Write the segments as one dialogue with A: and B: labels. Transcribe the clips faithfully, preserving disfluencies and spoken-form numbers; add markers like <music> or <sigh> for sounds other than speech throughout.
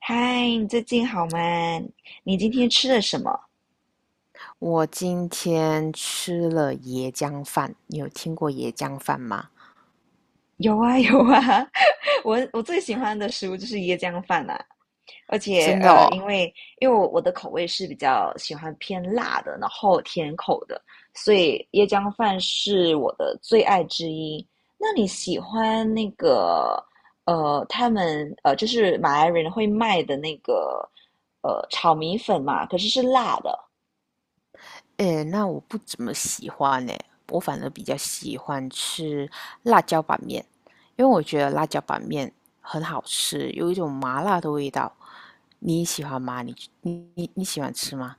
A: 嗨，你最近好吗？你今天吃了什么？
B: 我今天吃了椰浆饭，你有听过椰浆饭吗？
A: 有啊，有啊，<laughs> 我我最喜欢的食物就是椰浆饭啦、而且
B: 真的哦？
A: 呃，因为因为我我的口味是比较喜欢偏辣的，然后甜口的，所以椰浆饭是我的最爱之一。那你喜欢那个呃，他们呃，就是马来人会卖的那个呃炒米粉嘛？可是是辣的。
B: 诶，那我不怎么喜欢诶，我反而比较喜欢吃辣椒板面，因为我觉得辣椒板面很好吃，有一种麻辣的味道。你喜欢吗？你你你你喜欢吃吗？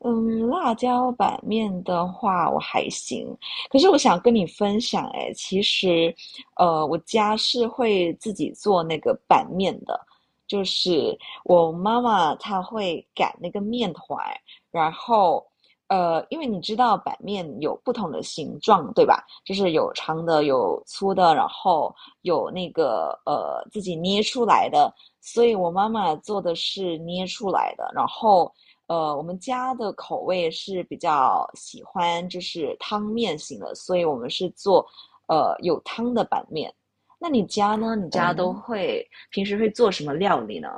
A: 嗯，辣椒板面的话，我还行。可是我想跟你分享，哎，其实，呃，我家是会自己做那个板面的，就是我妈妈她会擀那个面团，然后，呃，因为你知道板面有不同的形状，对吧？就是有长的，有粗的，然后有那个呃自己捏出来的，所以我妈妈做的是捏出来的，然后。呃，我们家的口味是比较喜欢就是汤面型的，所以我们是做呃有汤的板面。那你家呢？你家都
B: 嗯。
A: 会平时会做什么料理呢？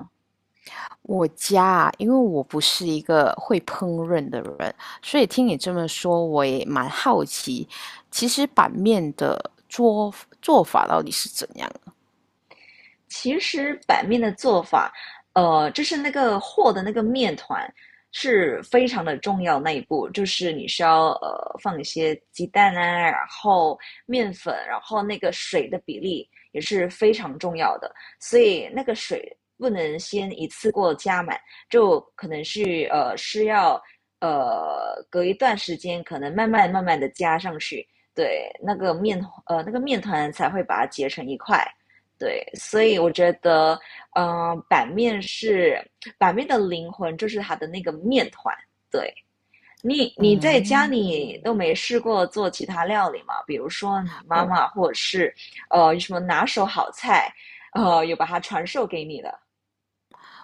B: 我家啊，因为我不是一个会烹饪的人，所以听你这么说，我也蛮好奇，其实板面的做做法到底是怎样的。
A: 其实板面的做法，呃，就是那个和的那个面团是非常的重要那一步，就是你需要呃放一些鸡蛋啊，然后面粉，然后那个水的比例也是非常重要的，所以那个水不能先一次过加满，就可能是呃是要呃隔一段时间，可能慢慢慢慢的加上去，对，那个面呃那个面团才会把它结成一块。对，所以我觉得，嗯，呃版面是版面的灵魂，就是它的那个面团。对，你，你在家
B: 嗯，
A: 里都没试过做其他料理吗？比如说你妈
B: 我
A: 妈，或者是呃有什么拿手好菜，呃有把它传授给你的。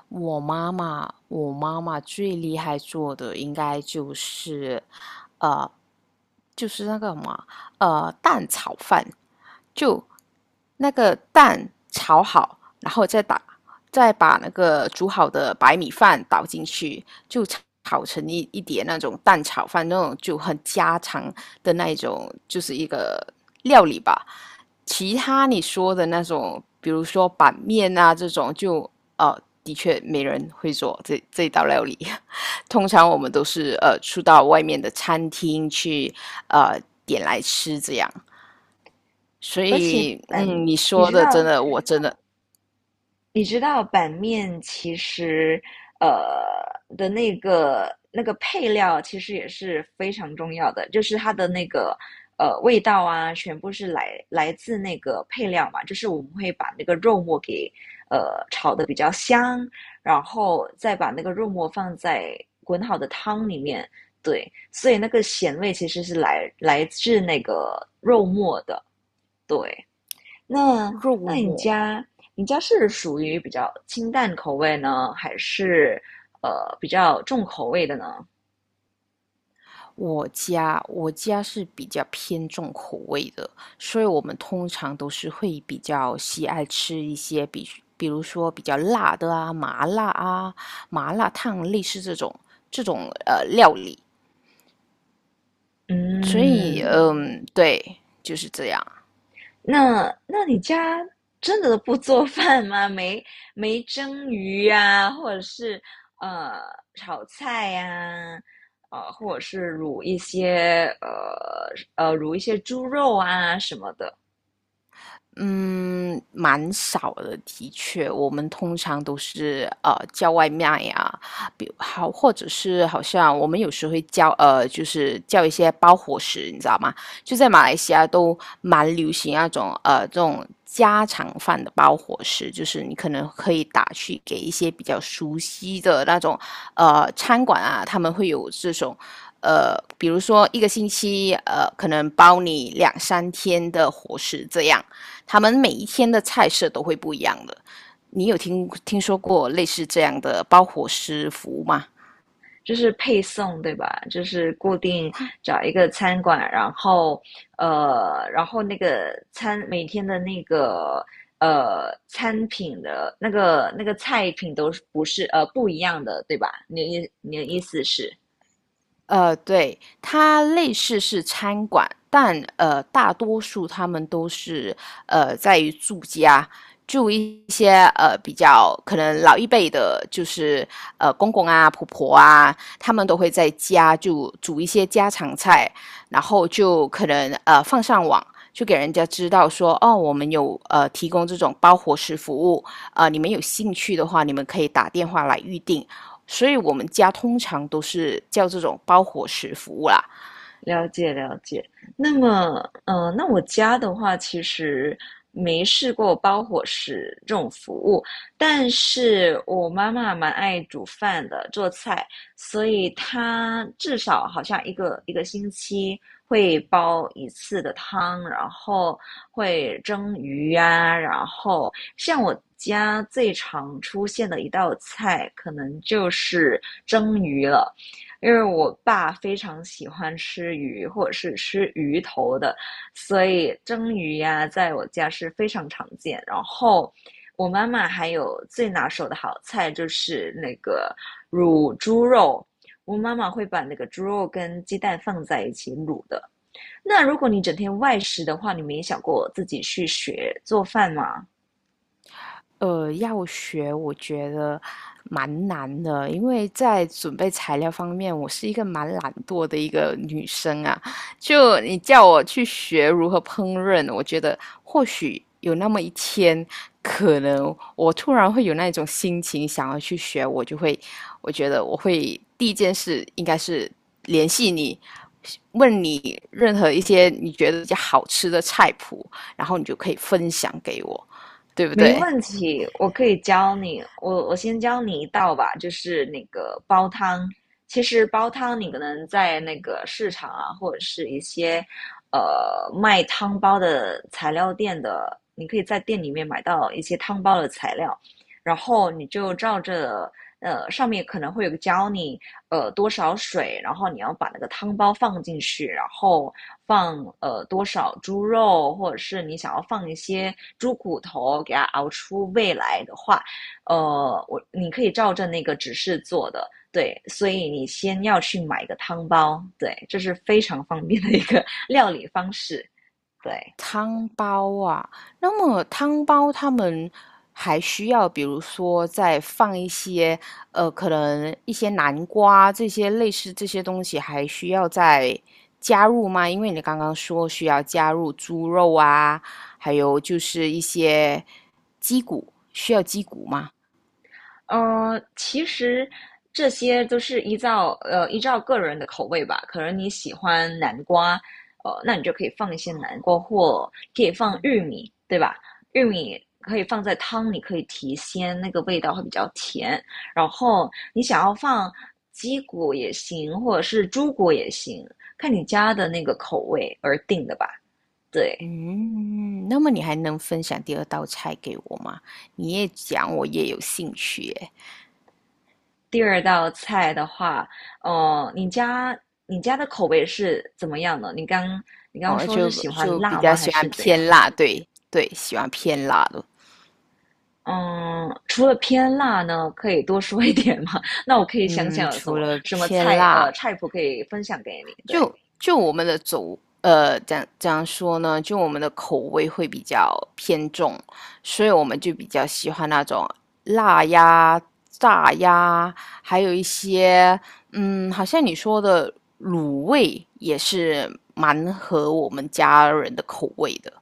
B: 我妈妈，我妈妈最厉害做的应该就是，呃，就是那个什么，呃，蛋炒饭。就那个蛋炒好，然后再打，再把那个煮好的白米饭倒进去，就炒成一一碟那种蛋炒饭，那种就很家常的那一种，就是一个料理吧。其他你说的那种，比如说板面啊这种，就呃，的确没人会做这这一道料理。<laughs> 通常我们都是呃出到外面的餐厅去呃点来吃这样。所
A: 而且
B: 以，
A: 本，
B: 嗯，你
A: 你
B: 说
A: 知
B: 的真
A: 道
B: 的，我真的
A: 你知道板面其实，呃的那个那个配料其实也是非常重要的，就是它的那个呃味道啊，全部是来来自那个配料嘛，就是我们会把那个肉末给呃炒的比较香，然后再把那个肉末放在滚好的汤里面，对，所以那个咸味其实是来来自那个肉末的，对。那
B: 肉
A: 那你
B: 末。
A: 家你家是属于比较清淡口味呢，还是呃比较重口味的呢？
B: 我家我家是比较偏重口味的，所以我们通常都是会比较喜爱吃一些比，比如说比较辣的啊，麻辣啊，麻辣烫类似这种这种呃料理。所以，
A: 嗯，
B: 嗯，对，就是这样。
A: 那那你家真的不做 <laughs> 饭吗？没没蒸鱼呀、啊或者是呃炒菜呀，呃，或者是卤一些呃呃卤一些猪肉啊什么的，
B: 嗯，蛮少的，的确，我们通常都是呃叫外卖呀，比好或者是好像我们有时会叫呃就是叫一些包伙食，你知道吗？就在马来西亚都蛮流行那种呃这种家常饭的包伙食，就是你可能可以打去给一些比较熟悉的那种呃餐馆啊，他们会有这种。呃，比如说一个星期，呃，可能包你两三天的伙食这样，他们每一天的菜色都会不一样的。你有听听说过类似这样的包伙食服务吗？
A: 就是配送，对吧？就是固定
B: 它
A: 找一个餐馆，然后呃，然后那个餐每天的那个呃餐品的那个那个菜品都是不是呃不一样的，对吧？你的意你的意思是，
B: 呃，对，它类似是餐馆，但呃，大多数他们都是呃在于住家，住一些呃比较可能老一辈的，就是呃公公啊、婆婆啊，他们都会在家就煮一些家常菜，然后就可能呃放上网。就给人家知道说，哦，我们有呃提供这种包伙食服务，呃，你们有兴趣的话，你们可以打电话来预定。所以我们家通常都是叫这种包伙食服务啦。
A: 了解了解。那么，呃，那我家的话，其实没试过包伙食这种服务，但是我妈妈蛮爱煮饭的，做菜，所以她至少好像一个一个星期会煲一次的汤，然后会蒸鱼啊，然后像我家最常出现的一道菜，可能就是蒸鱼了。因为我爸非常喜欢吃鱼，或者是吃鱼头的，所以蒸鱼呀、在我家是非常常见。然后我妈妈还有最拿手的好菜就是那个卤猪肉，我妈妈会把那个猪肉跟鸡蛋放在一起卤的。那如果你整天外食的话，你没想过自己去学做饭吗？
B: 呃，要学我觉得蛮难的，因为在准备材料方面，我是一个蛮懒惰的一个女生啊。就你叫我去学如何烹饪，我觉得或许有那么一天，可能我突然会有那种心情想要去学，我就会，我觉得我会第一件事应该是联系你，问你任何一些你觉得比较好吃的菜谱，然后你就可以分享给我，对不
A: 没
B: 对？
A: 问题，我可以教你。我我先教你一道吧，就是那个煲汤。其实煲汤你可能在那个市场啊，或者是一些呃卖汤包的材料店的，你可以在店里面买到一些汤包的材料，然后你就照着呃，上面可能会有个教你，呃，多少水，然后你要把那个汤包放进去，然后放呃多少猪肉，或者是你想要放一些猪骨头，给它熬出味来的话，呃，我你可以照着那个指示做的，对，所以你先要去买一个汤包，对，这是非常方便的一个 <laughs> 料理方式，对。
B: 汤包啊，那么汤包他们还需要，比如说再放一些，呃，可能一些南瓜这些类似这些东西，还需要再加入吗？因为你刚刚说需要加入猪肉啊，还有就是一些鸡骨，需要鸡骨吗？
A: 呃，其实这些都是依照呃依照个人的口味吧。可能你喜欢南瓜，呃，那你就可以放一些南瓜，或可以放玉米，对吧？玉米可以放在汤里，可以提鲜，那个味道会比较甜。然后你想要放鸡骨也行，或者是猪骨也行，看你家的那个口味而定的吧。对。
B: 嗯，那么你还能分享第二道菜给我吗？你也讲，我也有兴趣耶。
A: 第二道菜的话，呃，你家你家的口味是怎么样的？你刚你刚
B: 哦，
A: 说是
B: 就
A: 喜欢
B: 就比
A: 辣
B: 较
A: 吗？还
B: 喜欢
A: 是怎样？
B: 偏辣，对对，喜欢偏辣的。
A: 嗯，除了偏辣呢，可以多说一点吗？<laughs> 那我可以想
B: 嗯，
A: 想有什
B: 除
A: 么
B: 了
A: 什么
B: 偏
A: 菜，呃，
B: 辣，
A: 菜谱可以分享给你。对，
B: 就就我们的走，呃，怎样怎样说呢？就我们的口味会比较偏重，所以我们就比较喜欢那种辣呀、炸呀，还有一些，嗯，好像你说的卤味也是蛮合我们家人的口味的。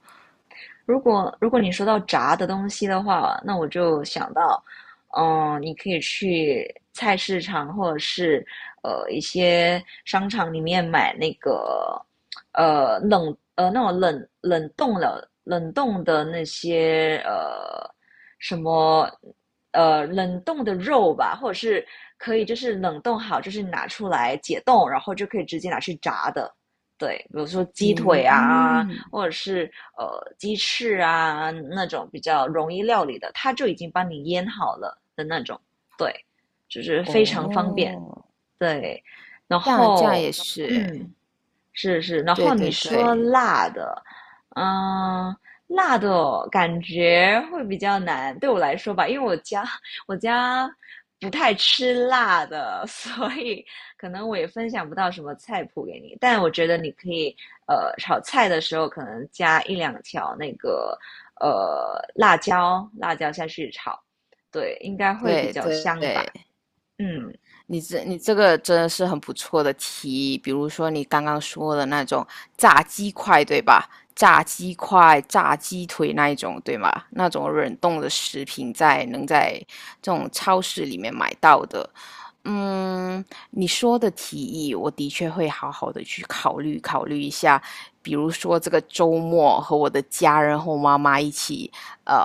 A: 如果如果你说到炸的东西的话，那我就想到，嗯、你可以去菜市场或者是呃一些商场里面买那个呃冷呃那种冷冷冻的冷冻的那些呃什么呃冷冻的肉吧，或者是可以就是冷冻好，就是拿出来解冻，然后就可以直接拿去炸的。对，比如说鸡腿啊，
B: 嗯，
A: 或者是呃鸡翅啊那种比较容易料理的，它就已经帮你腌好了的那种，对，就是非常方便，
B: 哦。
A: 对。然
B: 这样这样
A: 后，
B: 也是哎，
A: 嗯，是是，然
B: 对
A: 后你
B: 对
A: 说
B: 对
A: 辣的，嗯，辣的感觉会比较难，对我来说吧，因为我家我家不太吃辣的，<laughs> 所以可能我也分享不到什么菜谱给你。但我觉得你可以，呃，炒菜的时候可能加一两条那个呃辣椒，辣椒下去炒，对，应该会比
B: 对
A: 较香
B: 对，
A: 吧。嗯，
B: 你这你这个真的是很不错的提议，比如说你刚刚说的那种炸鸡块，对吧？炸鸡块、炸鸡腿那一种，对吗？那种冷冻的食品在能在这种超市里面买到的。嗯，你说的提议，我的确会好好的去考虑考虑一下。比如说这个周末和我的家人和我妈妈一起，呃，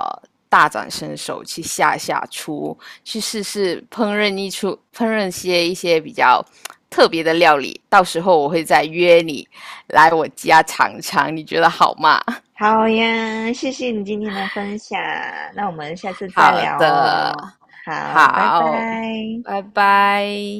B: 大展身手去下下厨，去试试烹饪一出烹饪些一些比较特别的料理，到时候我会再约你来我家尝尝，你觉得好吗？
A: 好呀，谢谢你今天的分享，那我们下次
B: <laughs>
A: 再
B: 好
A: 聊
B: 的，
A: 哦。好，拜拜。
B: 好，拜拜。